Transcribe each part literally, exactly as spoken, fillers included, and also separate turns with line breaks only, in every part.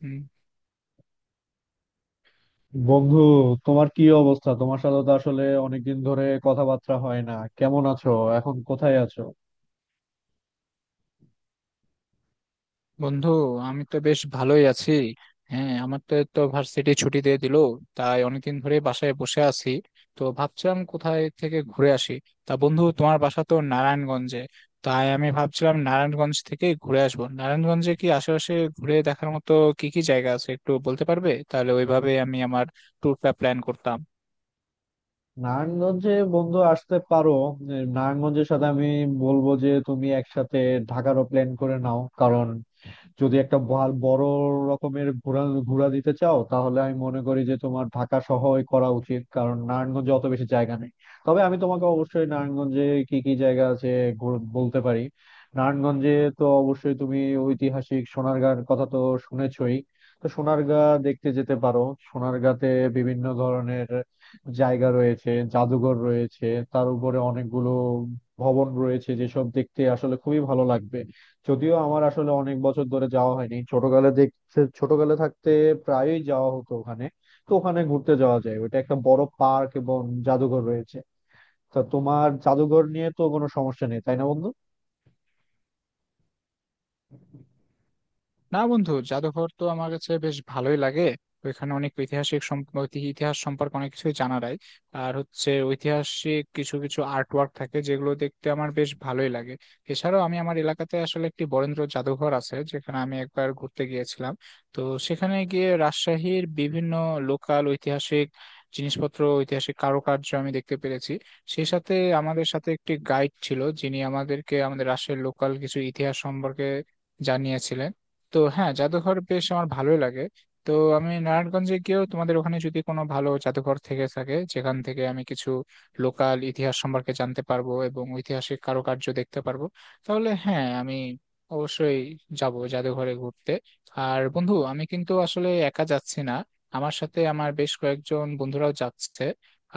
হুম,
বন্ধু, তোমার কি অবস্থা? তোমার সাথে তো আসলে অনেকদিন ধরে কথাবার্তা হয় না। কেমন আছো? এখন কোথায় আছো?
বন্ধু। আমি তো বেশ ভালোই আছি। হ্যাঁ, আমার তো তো ভার্সিটি ছুটি দিয়ে দিল, তাই অনেকদিন ধরে বাসায় বসে আছি। তো ভাবছিলাম কোথায় থেকে ঘুরে আসি। তা বন্ধু, তোমার বাসা তো নারায়ণগঞ্জে, তাই আমি ভাবছিলাম নারায়ণগঞ্জ থেকে ঘুরে আসবো। নারায়ণগঞ্জে কি আশেপাশে ঘুরে দেখার মতো কি কি জায়গা আছে একটু বলতে পারবে? তাহলে ওইভাবে আমি আমার ট্যুরটা প্ল্যান করতাম।
নারায়ণগঞ্জে বন্ধু আসতে পারো। নারায়ণগঞ্জের সাথে আমি বলবো যে তুমি একসাথে ঢাকারও প্ল্যান করে নাও, কারণ যদি একটা ভাল- বড় রকমের ঘোরা ঘোরা দিতে চাও তাহলে আমি মনে করি যে তোমার ঢাকা শহরই করা উচিত, কারণ নারায়ণগঞ্জে অত বেশি জায়গা নেই। তবে আমি তোমাকে অবশ্যই নারায়ণগঞ্জে কি কি জায়গা আছে ঘুর- বলতে পারি। নারায়ণগঞ্জে তো অবশ্যই তুমি ঐতিহাসিক সোনারগাঁর কথা তো শুনেছই। তো সোনারগাঁ দেখতে যেতে পারো। সোনারগাঁতে বিভিন্ন ধরনের জায়গা রয়েছে, জাদুঘর রয়েছে, তার উপরে অনেকগুলো ভবন রয়েছে যেসব দেখতে আসলে খুবই ভালো লাগবে। যদিও আমার আসলে অনেক বছর ধরে যাওয়া হয়নি, ছোটকালে দেখতে, ছোটকালে থাকতে প্রায়ই যাওয়া হতো ওখানে। তো ওখানে ঘুরতে যাওয়া যায়, ওইটা একটা বড় পার্ক এবং জাদুঘর রয়েছে। তা তোমার জাদুঘর নিয়ে তো কোনো সমস্যা নেই, তাই না বন্ধু?
না বন্ধু, জাদুঘর তো আমার কাছে বেশ ভালোই লাগে। ওইখানে অনেক ঐতিহাসিক সম- ঐতি- ইতিহাস সম্পর্কে অনেক কিছুই জানা যায়। আর হচ্ছে ঐতিহাসিক কিছু কিছু আর্ট ওয়ার্ক থাকে যেগুলো দেখতে আমার বেশ ভালোই লাগে। এছাড়াও আমি আমার এলাকাতে আসলে একটি বরেন্দ্র জাদুঘর আছে, যেখানে আমি একবার ঘুরতে গিয়েছিলাম। তো সেখানে গিয়ে রাজশাহীর বিভিন্ন লোকাল ঐতিহাসিক জিনিসপত্র, ঐতিহাসিক কারুকার্য আমি দেখতে পেরেছি। সেই সাথে আমাদের সাথে একটি গাইড ছিল, যিনি আমাদেরকে আমাদের রাজশাহীর লোকাল কিছু ইতিহাস সম্পর্কে জানিয়েছিলেন। তো হ্যাঁ, জাদুঘর বেশ আমার ভালোই লাগে। তো আমি নারায়ণগঞ্জে গিয়েও তোমাদের ওখানে যদি কোনো ভালো জাদুঘর থেকে থাকে, যেখান থেকে আমি কিছু লোকাল ইতিহাস সম্পর্কে জানতে পারবো এবং ঐতিহাসিক কারুকার্য দেখতে পারবো, তাহলে হ্যাঁ, আমি অবশ্যই যাব জাদুঘরে ঘুরতে। আর বন্ধু, আমি কিন্তু আসলে একা যাচ্ছি না। আমার সাথে আমার বেশ কয়েকজন বন্ধুরাও যাচ্ছে।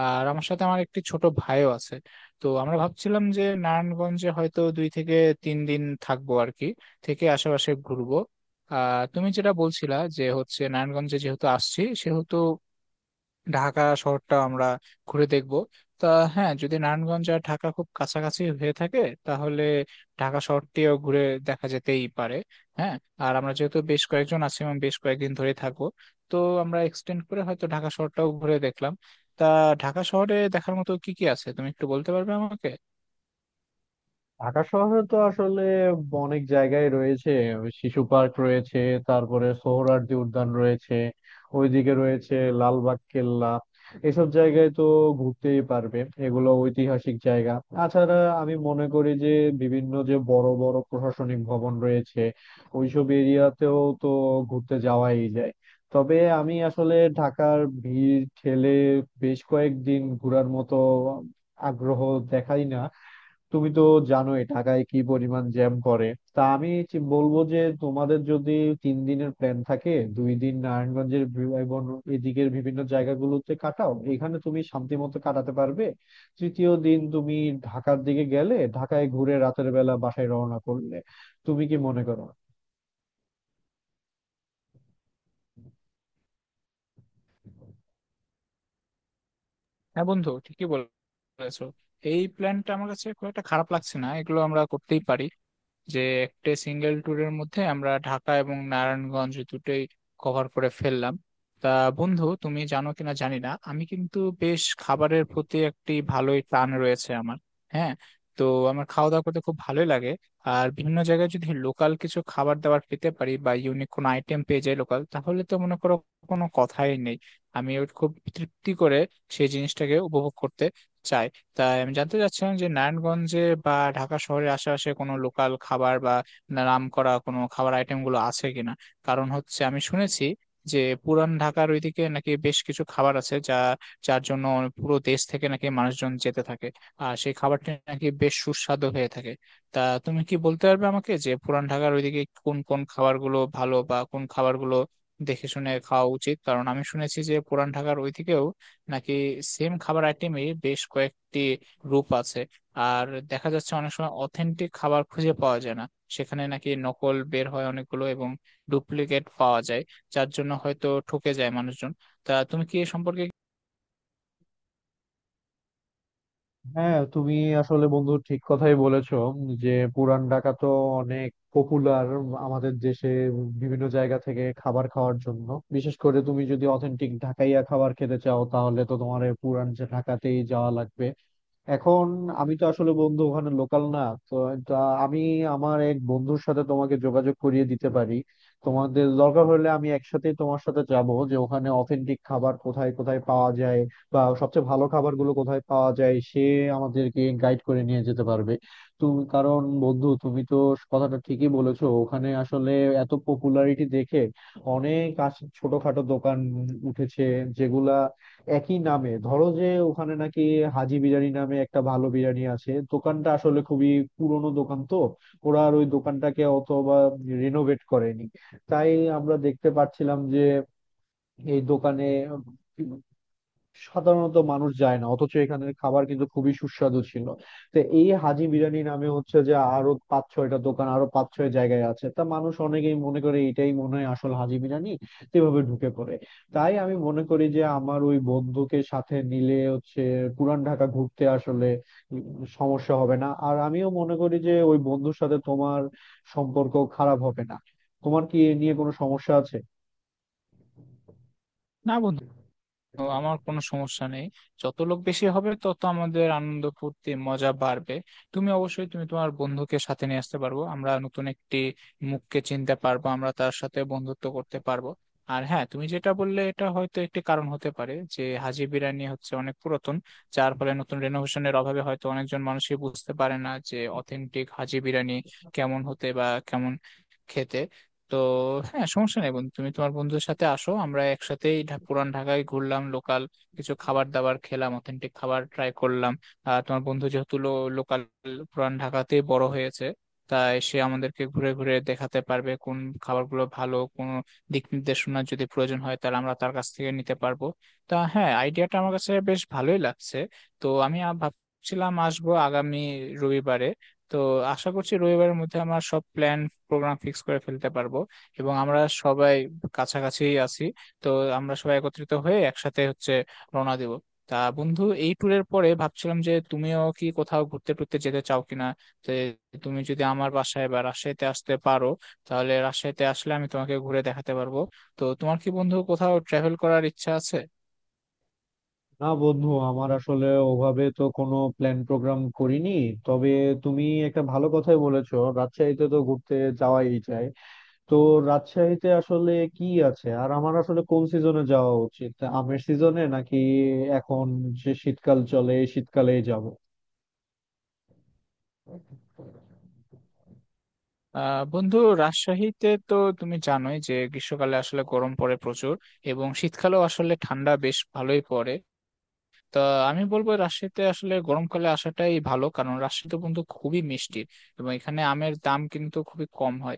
আর আমার সাথে আমার একটি ছোট ভাইও আছে। তো আমরা ভাবছিলাম যে নারায়ণগঞ্জে হয়তো দুই থেকে তিন দিন থাকবো আর কি, থেকে আশেপাশে ঘুরবো। আহ, তুমি যেটা বলছিলা যে হচ্ছে নারায়ণগঞ্জে যেহেতু আসছি, সেহেতু ঢাকা শহরটা আমরা ঘুরে দেখব। তা হ্যাঁ, যদি নারায়ণগঞ্জ আর ঢাকা খুব কাছাকাছি হয়ে থাকে, তাহলে ঢাকা শহরটিও ঘুরে দেখা যেতেই পারে। হ্যাঁ, আর আমরা যেহেতু বেশ কয়েকজন আছি এবং বেশ কয়েকদিন ধরে থাকবো, তো আমরা এক্সটেন্ড করে হয়তো ঢাকা শহরটাও ঘুরে দেখলাম। তা ঢাকা শহরে দেখার মতো কি কি আছে তুমি একটু বলতে পারবে আমাকে?
ঢাকা শহরে তো আসলে অনেক জায়গায় রয়েছে। ওই শিশু পার্ক রয়েছে, তারপরে সোহরাওয়ার্দী উদ্যান রয়েছে, ওইদিকে রয়েছে লালবাগ কেল্লা। এসব জায়গায় তো ঘুরতেই পারবে, এগুলো ঐতিহাসিক জায়গা। তাছাড়া আমি মনে করি যে বিভিন্ন যে বড় বড় প্রশাসনিক ভবন রয়েছে, ওইসব এরিয়াতেও তো ঘুরতে যাওয়াই যায়। তবে আমি আসলে ঢাকার ভিড় ঠেলে বেশ কয়েকদিন ঘোরার মতো আগ্রহ দেখাই না। তুমি তো জানোই ঢাকায় কি পরিমাণ জ্যাম করে। তা আমি চি- বলবো যে তোমাদের যদি তিন দিনের প্ল্যান থাকে, দুই দিন নারায়ণগঞ্জের বি- এবং এদিকের বিভিন্ন জায়গাগুলোতে কাটাও, এখানে তুমি শান্তি মতো কাটাতে পারবে। তৃতীয় দিন তুমি ঢাকার দিকে গেলে, ঢাকায় ঘুরে রাতের বেলা বাসায় রওনা করলে তুমি কি মনে করো?
হ্যাঁ বন্ধু, ঠিকই বলেছো। এই প্ল্যানটা আমার কাছে খুব একটা খারাপ লাগছে না, এগুলো আমরা করতেই পারি যে একটা সিঙ্গেল ট্যুরের মধ্যে আমরা ঢাকা এবং নারায়ণগঞ্জ দুটোই কভার করে ফেললাম। তা বন্ধু, তুমি জানো কিনা জানি না, আমি কিন্তু বেশ খাবারের প্রতি একটি ভালোই টান রয়েছে আমার। হ্যাঁ, তো আমার খাওয়া দাওয়া করতে খুব ভালোই লাগে। আর বিভিন্ন জায়গায় যদি লোকাল কিছু খাবার দাবার পেতে পারি বা ইউনিক কোনো আইটেম পেয়ে যাই লোকাল, তাহলে তো মনে করো কোনো কথাই নেই। আমি ওর খুব তৃপ্তি করে সেই জিনিসটাকে উপভোগ করতে চাই। তাই আমি জানতে চাচ্ছিলাম যে নারায়ণগঞ্জে বা ঢাকা শহরের আশেপাশে কোনো লোকাল খাবার বা নামকরা কোনো খাবার আইটেম গুলো আছে কিনা। কারণ হচ্ছে আমি শুনেছি যে পুরান ঢাকার ওইদিকে নাকি বেশ কিছু খাবার আছে যা, যার জন্য পুরো দেশ থেকে নাকি মানুষজন যেতে থাকে, আর সেই খাবারটি নাকি বেশ সুস্বাদু হয়ে থাকে। তা তুমি কি বলতে পারবে আমাকে যে পুরান ঢাকার ওইদিকে কোন কোন খাবারগুলো ভালো বা কোন খাবারগুলো দেখে শুনে খাওয়া উচিত? কারণ আমি শুনেছি যে পুরান ঢাকার ওইদিকেও নাকি সেম খাবার আইটেমই বেশ কয়েকটি রূপ আছে। আর দেখা যাচ্ছে অনেক সময় অথেন্টিক খাবার খুঁজে পাওয়া যায় না, সেখানে নাকি নকল বের হয় অনেকগুলো এবং ডুপ্লিকেট পাওয়া যায়, যার জন্য হয়তো ঠকে যায় মানুষজন। তা তুমি কি এ সম্পর্কে
হ্যাঁ, তুমি আসলে বন্ধু ঠিক কথাই বলেছো যে পুরান ঢাকা তো অনেক পপুলার আমাদের দেশে, বিভিন্ন জায়গা থেকে খাবার খাওয়ার জন্য। বিশেষ করে তুমি যদি অথেন্টিক ঢাকাইয়া খাবার খেতে চাও তাহলে তো তোমার এই পুরান যে ঢাকাতেই যাওয়া লাগবে। এখন আমি তো আসলে বন্ধু ওখানে লোকাল না, তো তা আমি আমার এক বন্ধুর সাথে তোমাকে যোগাযোগ করিয়ে দিতে পারি। তোমাদের দরকার হলে আমি একসাথে তোমার সাথে যাব, যে ওখানে অথেন্টিক খাবার কোথায় কোথায় পাওয়া যায় বা সবচেয়ে ভালো খাবারগুলো কোথায় পাওয়া যায়, সে আমাদেরকে গাইড করে নিয়ে যেতে পারবে। তুমি, কারণ বন্ধু তুমি তো কথাটা ঠিকই বলেছো, ওখানে আসলে এত পপুলারিটি দেখে অনেক আশ- ছোটখাটো দোকান উঠেছে, যেগুলা একই নামে। ধরো যে ওখানে নাকি হাজি বিরিয়ানি নামে একটা ভালো বিরিয়ানি আছে, দোকানটা আসলে খুবই পুরনো দোকান। তো ওরা আর ওই দোকানটাকে অত বা রিনোভেট করেনি, তাই আমরা দেখতে পাচ্ছিলাম যে এই দোকানে সাধারণত মানুষ যায় না, অথচ এখানের খাবার কিন্তু খুবই সুস্বাদু ছিল। তো এই হাজি বিরিয়ানি নামে হচ্ছে যে আরো পাঁচ ছয়টা দোকান আরো পাঁচ ছয় জায়গায় আছে, তা মানুষ অনেকেই মনে করে এটাই মনে হয় আসল হাজি বিরিয়ানি, তো এভাবে ঢুকে পড়ে। তাই আমি মনে করি যে আমার ওই বন্ধুকে সাথে নিলে হচ্ছে পুরান ঢাকা ঘুরতে আসলে উম সমস্যা হবে না, আর আমিও মনে করি যে ওই বন্ধুর সাথে তোমার সম্পর্ক খারাপ হবে না। তোমার কি এ নিয়ে কোনো সমস্যা আছে?
না বন্ধু, তো আমার কোনো সমস্যা নেই। যত লোক বেশি হবে তত আমাদের আনন্দ ফুর্তি মজা বাড়বে। তুমি অবশ্যই তুমি তোমার বন্ধুকে সাথে নিয়ে আসতে পারবো, আমরা নতুন একটি মুখকে চিনতে পারবো, আমরা তার সাথে বন্ধুত্ব করতে পারবো। আর হ্যাঁ, তুমি যেটা বললে এটা হয়তো একটি কারণ হতে পারে যে হাজি বিরিয়ানি হচ্ছে অনেক পুরাতন, যার ফলে নতুন রেনোভেশনের অভাবে হয়তো অনেকজন মানুষই বুঝতে পারে না যে অথেন্টিক হাজি বিরিয়ানি কেমন হতে বা কেমন খেতে। তো হ্যাঁ, সমস্যা নেই বন্ধু, তুমি তোমার বন্ধুদের সাথে আসো, আমরা একসাথেই ঢা- পুরান ঢাকায় ঘুরলাম, লোকাল কিছু খাবার দাবার খেলাম, অথেন্টিক খাবার ট্রাই করলাম। আর তোমার বন্ধু যেহেতু লোকাল পুরান ঢাকাতে বড় হয়েছে, তাই সে আমাদেরকে ঘুরে ঘুরে দেখাতে পারবে কোন খাবারগুলো ভালো, কোন দিক নির্দেশনা যদি প্রয়োজন হয় তাহলে আমরা তার কাছ থেকে নিতে পারবো। তা হ্যাঁ, আইডিয়াটা আমার কাছে বেশ ভালোই লাগছে। তো আমি আ- ভাবছিলাম আসবো আগামী রবিবারে। তো আশা করছি রবিবারের মধ্যে আমার সব প্ল্যান প্রোগ্রাম ফিক্স করে ফেলতে পারবো, এবং আমরা সবাই কাছাকাছি আছি, তো আমরা সবাই একত্রিত হয়ে একসাথে হচ্ছে রওনা দিব। তা বন্ধু, এই ট্যুরের পরে ভাবছিলাম যে তুমিও কি কোথাও ঘুরতে টুরতে যেতে চাও কিনা, যে তুমি যদি আমার বাসায় বা রাজশাহীতে আসতে পারো, তাহলে রাজশাহীতে আসলে আমি তোমাকে ঘুরে দেখাতে পারবো। তো তোমার কি বন্ধু কোথাও ট্রাভেল করার ইচ্ছা আছে?
না বন্ধু, আমার আসলে ওভাবে তো কোনো প্ল্যান প্রোগ্রাম করিনি। তবে তুমি একটা ভালো কথাই বলেছো, রাজশাহীতে তো ঘুরতে যাওয়াই যায়। তো রাজশাহীতে আসলে কি আছে, আর আমার আসলে কোন সিজনে যাওয়া উচিত? আমের সিজনে, নাকি এখন যে শীতকাল চলে এই শীতকালেই যাব?
আহ বন্ধু, রাজশাহীতে তো তুমি জানোই যে গ্রীষ্মকালে আসলে গরম পড়ে প্রচুর, এবং শীতকালেও আসলে ঠান্ডা বেশ ভালোই পড়ে। তা আমি বলবো রাজশাহীতে আসলে গরমকালে আসাটাই ভালো, কারণ রাজশাহীতে কিন্তু খুবই মিষ্টি এবং এখানে আমের দাম কিন্তু খুবই কম হয়।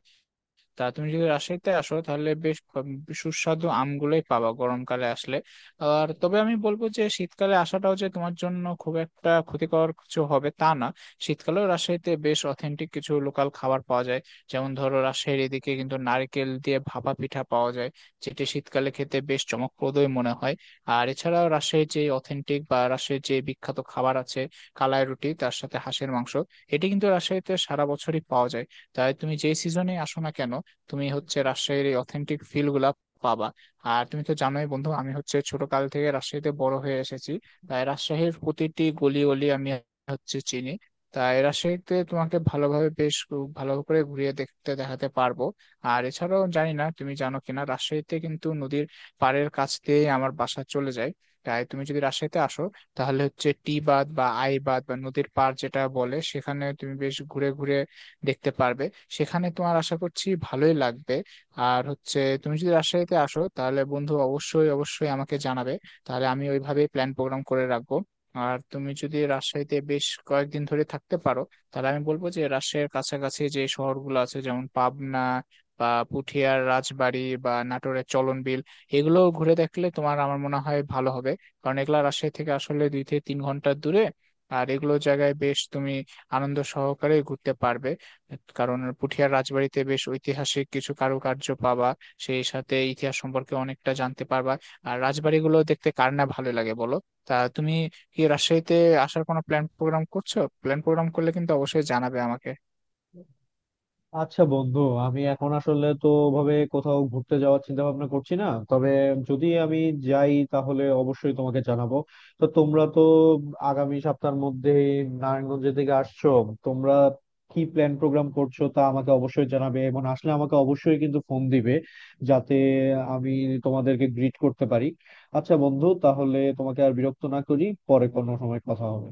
তা তুমি যদি রাজশাহীতে আসো তাহলে বেশ ক- সুস্বাদু আমগুলোই পাবা গরমকালে আসলে। আর তবে আমি বলবো যে শীতকালে আসাটাও যে তোমার জন্য খুব একটা ক্ষতিকর কিছু হবে তা না। শীতকালেও রাজশাহীতে বেশ অথেন্টিক কিছু লোকাল খাবার পাওয়া যায়। যেমন ধরো রাজশাহীর এদিকে কিন্তু নারকেল দিয়ে ভাপা পিঠা পাওয়া যায়, যেটি শীতকালে খেতে বেশ চমকপ্রদই মনে হয়। আর এছাড়াও রাজশাহীর যে অথেন্টিক বা রাজশাহীর যে বিখ্যাত খাবার আছে, কালাই রুটি তার সাথে হাঁসের মাংস, এটি কিন্তু রাজশাহীতে সারা বছরই পাওয়া যায়। তাই তুমি যে সিজনে আসো না কেন, তুমি হচ্ছে রাজশাহীর এই অথেন্টিক ফিল গুলা পাবা। আর তুমি তো জানোই বন্ধু, আমি হচ্ছে ছোট কাল থেকে রাজশাহীতে বড় হয়ে এসেছি, তাই রাজশাহীর প্রতিটি গলি গলি আমি হচ্ছে চিনি। তাই রাজশাহীতে তোমাকে ভালোভাবে বেশ ঘু- ভালো করে ঘুরিয়ে দেখতে দেখাতে পারবো। আর এছাড়াও জানি না তুমি জানো কিনা, রাজশাহীতে কিন্তু নদীর পাড়ের কাছ দিয়ে আমার বাসা চলে যায়। তাই তুমি যদি রাজশাহীতে আসো, তাহলে হচ্ছে টি বাঁধ বা আই বাঁধ বা নদীর পাড় যেটা বলে সেখানে তুমি বেশ ঘুরে ঘুরে দেখতে পারবে, সেখানে তোমার আশা করছি ভালোই লাগবে। আর হচ্ছে তুমি যদি রাজশাহীতে আসো তাহলে বন্ধু অবশ্যই অবশ্যই আমাকে জানাবে, তাহলে আমি ওইভাবেই প্ল্যান প্রোগ্রাম করে রাখবো। আর তুমি যদি রাজশাহীতে বেশ কয়েকদিন ধরে থাকতে পারো, তাহলে আমি বলবো যে রাজশাহীর কাছাকাছি যে শহরগুলো আছে যেমন পাবনা বা পুঠিয়ার রাজবাড়ি বা নাটোরের চলনবিল, এগুলো ঘুরে দেখলে তোমার আমার মনে হয় ভালো হবে। কারণ এগুলো রাজশাহী থেকে আসলে দুই থেকে তিন ঘন্টার দূরে। আর এগুলো জায়গায় বেশ তুমি আনন্দ সহকারে ঘুরতে পারবে, কারণ পুঠিয়ার রাজবাড়িতে বেশ ঐতিহাসিক কিছু কারুকার্য পাবা, সেই সাথে ইতিহাস সম্পর্কে অনেকটা জানতে পারবা। আর রাজবাড়িগুলো দেখতে কার না ভালো লাগে বলো? তা তুমি কি রাজশাহীতে আসার কোনো প্ল্যান প্রোগ্রাম করছো? প্ল্যান প্রোগ্রাম করলে কিন্তু অবশ্যই জানাবে আমাকে।
আচ্ছা বন্ধু, আমি এখন আসলে তো ভাবে কোথাও ঘুরতে যাওয়ার চিন্তা ভাবনা করছি না, তবে যদি আমি যাই তাহলে অবশ্যই তোমাকে জানাবো। তো তোমরা তো আগামী সপ্তাহের মধ্যে নারায়ণগঞ্জের দিকে আসছো, তোমরা কি প্ল্যান প্রোগ্রাম করছো তা আমাকে অবশ্যই জানাবে, এবং আসলে আমাকে অবশ্যই কিন্তু ফোন দিবে, যাতে আমি তোমাদেরকে গ্রিট করতে পারি। আচ্ছা বন্ধু, তাহলে তোমাকে আর বিরক্ত না করি, পরে কোনো সময় কথা হবে।